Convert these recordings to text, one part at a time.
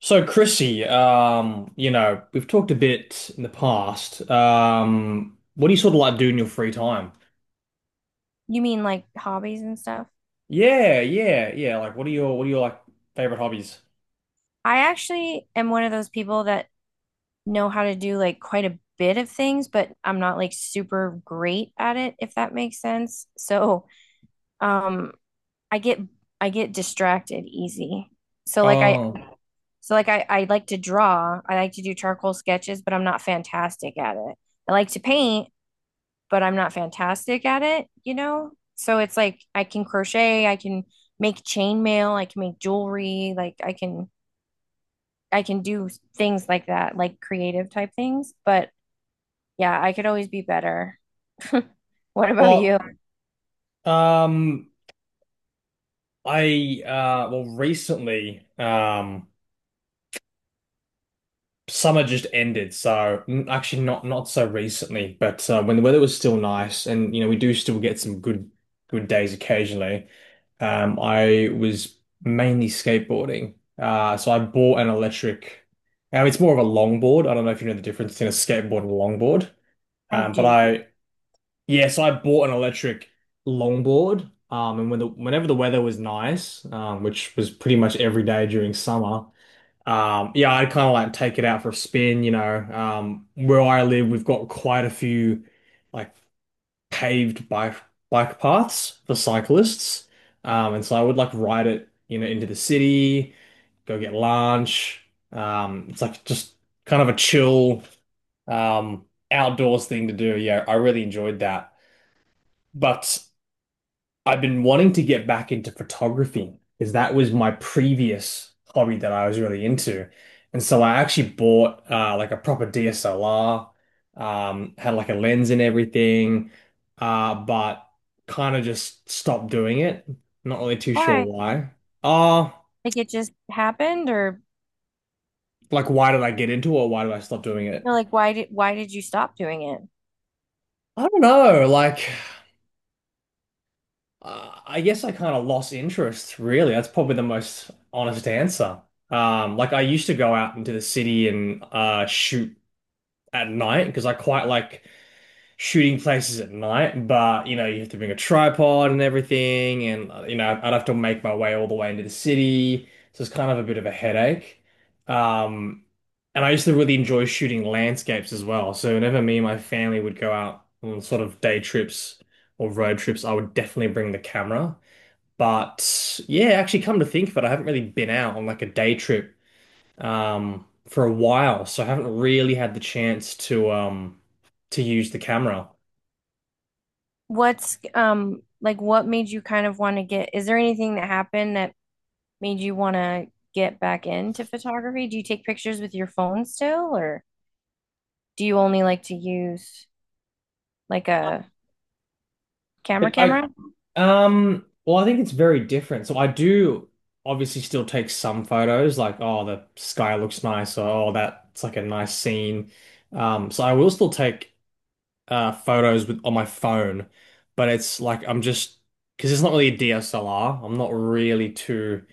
So Chrissy, we've talked a bit in the past. What do you sort of like do in your free time? You mean like hobbies and stuff? Yeah, yeah, yeah. Like, what are your favorite hobbies? I actually am one of those people that know how to do like quite a bit of things, but I'm not like super great at it, if that makes sense. So, um, I get I get distracted easy. So like I Oh, so like I like to draw. I like to do charcoal sketches, but I'm not fantastic at it. I like to paint, but I'm not fantastic at it, you know? So it's like I can crochet, I can make chainmail, I can make jewelry, like I can do things like that, like creative type things. But yeah, I could always be better. What about well, you? um, Recently, summer just ended, so actually not so recently, but when the weather was still nice, and you know, we do still get some good days occasionally. I was mainly skateboarding. So I bought an electric. It's more of a longboard. I don't know if you know the difference between a skateboard and a longboard. I Um, but do. I, yeah, so I bought an electric longboard. And whenever the weather was nice, which was pretty much every day during summer, yeah, I'd kind of like take it out for a spin. You know, where I live, we've got quite a few like paved bike paths for cyclists. And so I would like ride it, you know, into the city, go get lunch. It's like just kind of a chill, um, outdoors thing to do. Yeah, I really enjoyed that. But I've been wanting to get back into photography because that was my previous hobby that I was really into. And so I actually bought like a proper DSLR, had like a lens and everything, but kind of just stopped doing it. Not really too sure Why? why. Uh, Like it just happened or like why did I get into it or why did I stop doing it? no, like why did you stop doing it? I don't know. I guess I kind of lost interest, really. That's probably the most honest answer. Like I used to go out into the city and shoot at night because I quite like shooting places at night. But you know, you have to bring a tripod and everything, and you know, I'd have to make my way all the way into the city, so it's kind of a bit of a headache. Um, and I used to really enjoy shooting landscapes as well. So whenever me and my family would go out on sort of day trips or road trips, I would definitely bring the camera. But yeah, actually, come to think of it, I haven't really been out on like a day trip for a while, so I haven't really had the chance to use the camera. What's like what made you kind of want to get, is there anything that happened that made you want to get back into photography? Do you take pictures with your phone still or do you only like to use like a camera camera? I Well, I think it's very different. So I do obviously still take some photos, like oh, the sky looks nice, or oh, that's like a nice scene. So I will still take photos with on my phone, but it's like I'm just because it's not really a DSLR. I'm not really too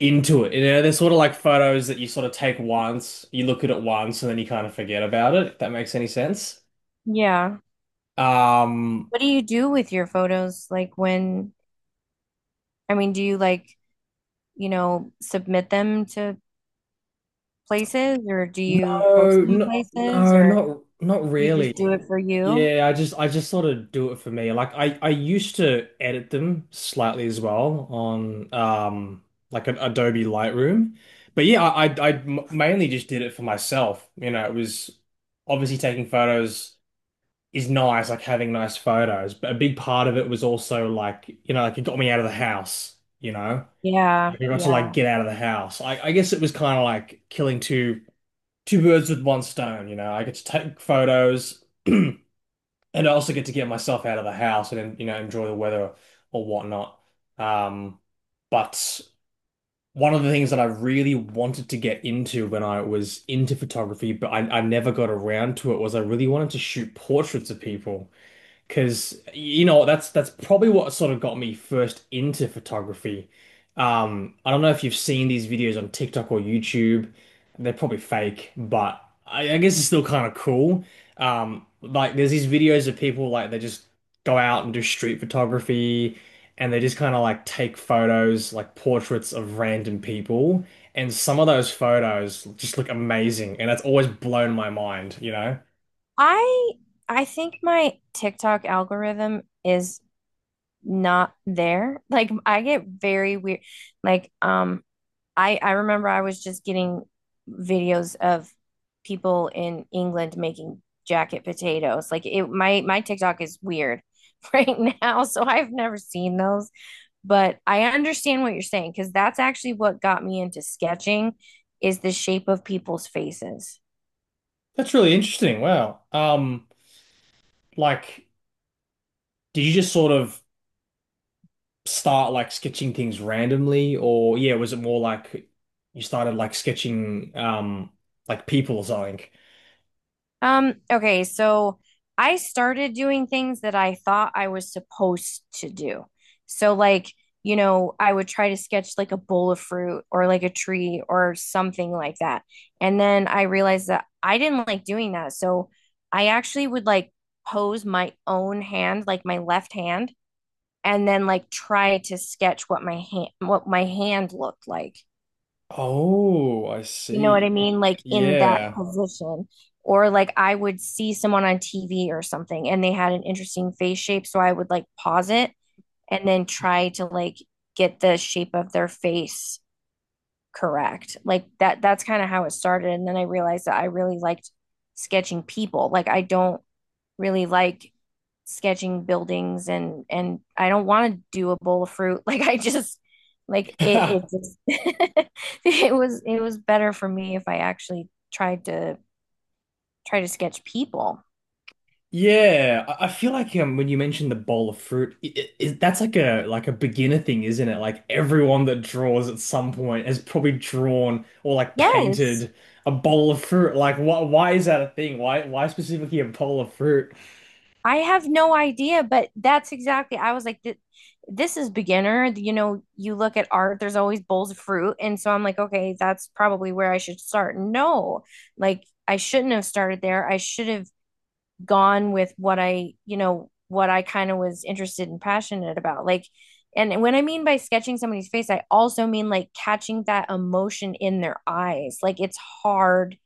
into it. You know, they're sort of like photos that you sort of take once, you look at it once, and then you kind of forget about it, if that makes any sense. Yeah. Um, What do you do with your photos, like when, I mean, do you like, you know, submit them to places or do you post no, them no, places, no, or not you really. just do it for you? Yeah, I just sort of do it for me. Like I used to edit them slightly as well on like an Adobe Lightroom. But yeah, mainly just did it for myself. You know, it was obviously taking photos is nice, like having nice photos. But a big part of it was also like, you know, like it got me out of the house, you know? Yeah, Like I got to like yeah. get out of the house. I guess it was kind of like killing two birds with one stone, you know? I get to take photos and I also get to get myself out of the house and, you know, enjoy the weather or whatnot. Um, but one of the things that I really wanted to get into when I was into photography, but I never got around to it, was I really wanted to shoot portraits of people. Because you know that's probably what sort of got me first into photography. I don't know if you've seen these videos on TikTok or YouTube. They're probably fake, but I guess it's still kind of cool. Like there's these videos of people like they just go out and do street photography, and they just kind of like take photos, like portraits of random people, and some of those photos just look amazing, and that's always blown my mind. You know, I I think my TikTok algorithm is not there. Like I get very weird. Like I remember I was just getting videos of people in England making jacket potatoes. Like it, my TikTok is weird right now, so I've never seen those. But I understand what you're saying, because that's actually what got me into sketching is the shape of people's faces. that's really interesting. Wow. Like, did you just sort of start like sketching things randomly, or yeah, was it more like you started like sketching like people or something? Okay, so I started doing things that I thought I was supposed to do. So like, you know, I would try to sketch like a bowl of fruit or like a tree or something like that. And then I realized that I didn't like doing that. So I actually would like pose my own hand, like my left hand, and then like try to sketch what my hand looked like. Oh, I You know what I see. mean? Like in that Yeah. position. Or like I would see someone on TV or something and they had an interesting face shape. So I would like pause it and then try to like get the shape of their face correct. Like that's kind of how it started. And then I realized that I really liked sketching people. Like I don't really like sketching buildings, and I don't want to do a bowl of fruit. Like I just like it, it just It was better for me if I actually tried to try to sketch people. Yeah, I feel like when you mentioned the bowl of fruit, I that's like a beginner thing, isn't it? Like everyone that draws at some point has probably drawn or like Yes. painted a bowl of fruit. Like, why is that a thing? Why specifically a bowl of fruit? I have no idea, but that's exactly, I was like this is beginner. You know, you look at art, there's always bowls of fruit. And so I'm like, okay, that's probably where I should start. No, like I shouldn't have started there. I should have gone with what I, you know, what I kind of was interested and passionate about. Like, and when I mean by sketching somebody's face, I also mean like catching that emotion in their eyes. Like it's hard.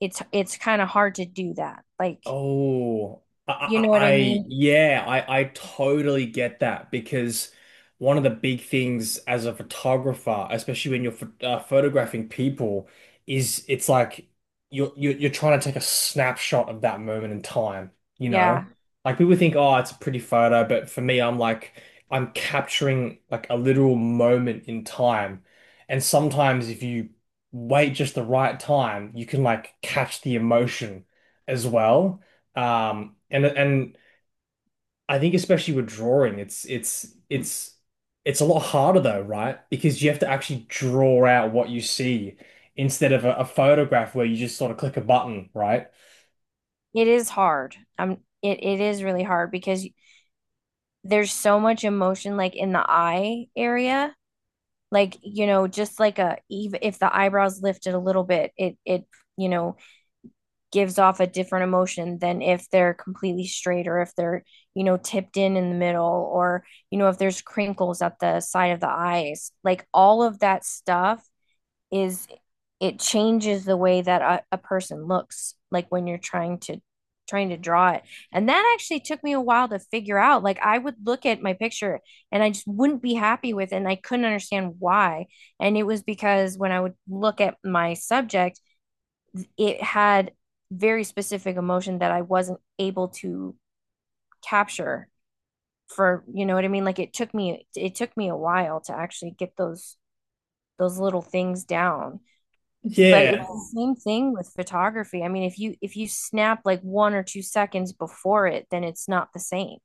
It's kind of hard to do that. Like, Oh, you know what I I mean? Yeah, I totally get that because one of the big things as a photographer, especially when you're ph photographing people, is it's like you're trying to take a snapshot of that moment in time, you know? Yeah. Like people think, oh, it's a pretty photo, but for me, I'm like I'm capturing like a literal moment in time, and sometimes if you wait just the right time, you can like catch the emotion as well. And I think especially with drawing, it's a lot harder though, right? Because you have to actually draw out what you see instead of a photograph where you just sort of click a button, right? It is hard. It is really hard because there's so much emotion like in the eye area. Like, you know, just like a, even if the eyebrows lifted a little bit, you know, gives off a different emotion than if they're completely straight, or if they're, you know, tipped in the middle, or, you know, if there's crinkles at the side of the eyes. Like all of that stuff is, it changes the way that a person looks like when you're trying to trying to draw it. And that actually took me a while to figure out. Like I would look at my picture and I just wouldn't be happy with it and I couldn't understand why. And it was because when I would look at my subject, it had very specific emotion that I wasn't able to capture. For, you know what I mean, like it took me a while to actually get those little things down. But it's Yeah, the same thing with photography. I mean, if you snap like 1 or 2 seconds before it, then it's not the same.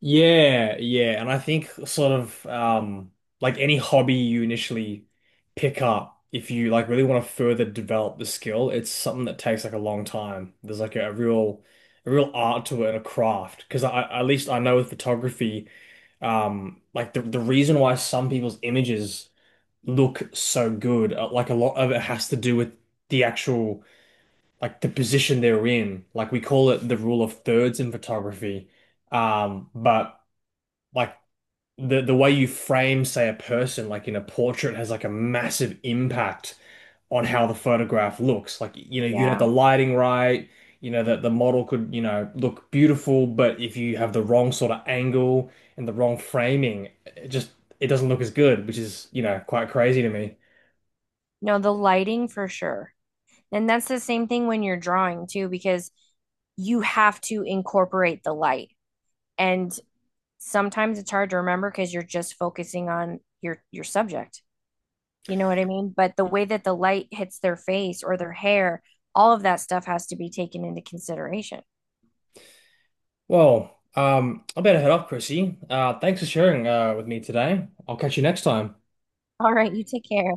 yeah, yeah. And I think sort of like any hobby you initially pick up, if you like really want to further develop the skill, it's something that takes like a long time. There's like a real art to it and a craft. Because I at least I know with photography, like the reason why some people's images look so good, like a lot of it has to do with the actual like the position they're in. Like we call it the rule of thirds in photography. But like the way you frame, say, a person, like in a portrait, has like a massive impact on how the photograph looks. Like, you know, you have Yeah. the lighting right, you know, that the model could, you know, look beautiful, but if you have the wrong sort of angle and the wrong framing, it just it doesn't look as good, which is, you know, quite crazy to me. No, the lighting for sure. And that's the same thing when you're drawing too, because you have to incorporate the light, and sometimes it's hard to remember because you're just focusing on your subject. You know what I mean? But the way that the light hits their face or their hair, all of that stuff has to be taken into consideration. Well, I better head off, Chrissy. Thanks for sharing with me today. I'll catch you next time. All right, you take care.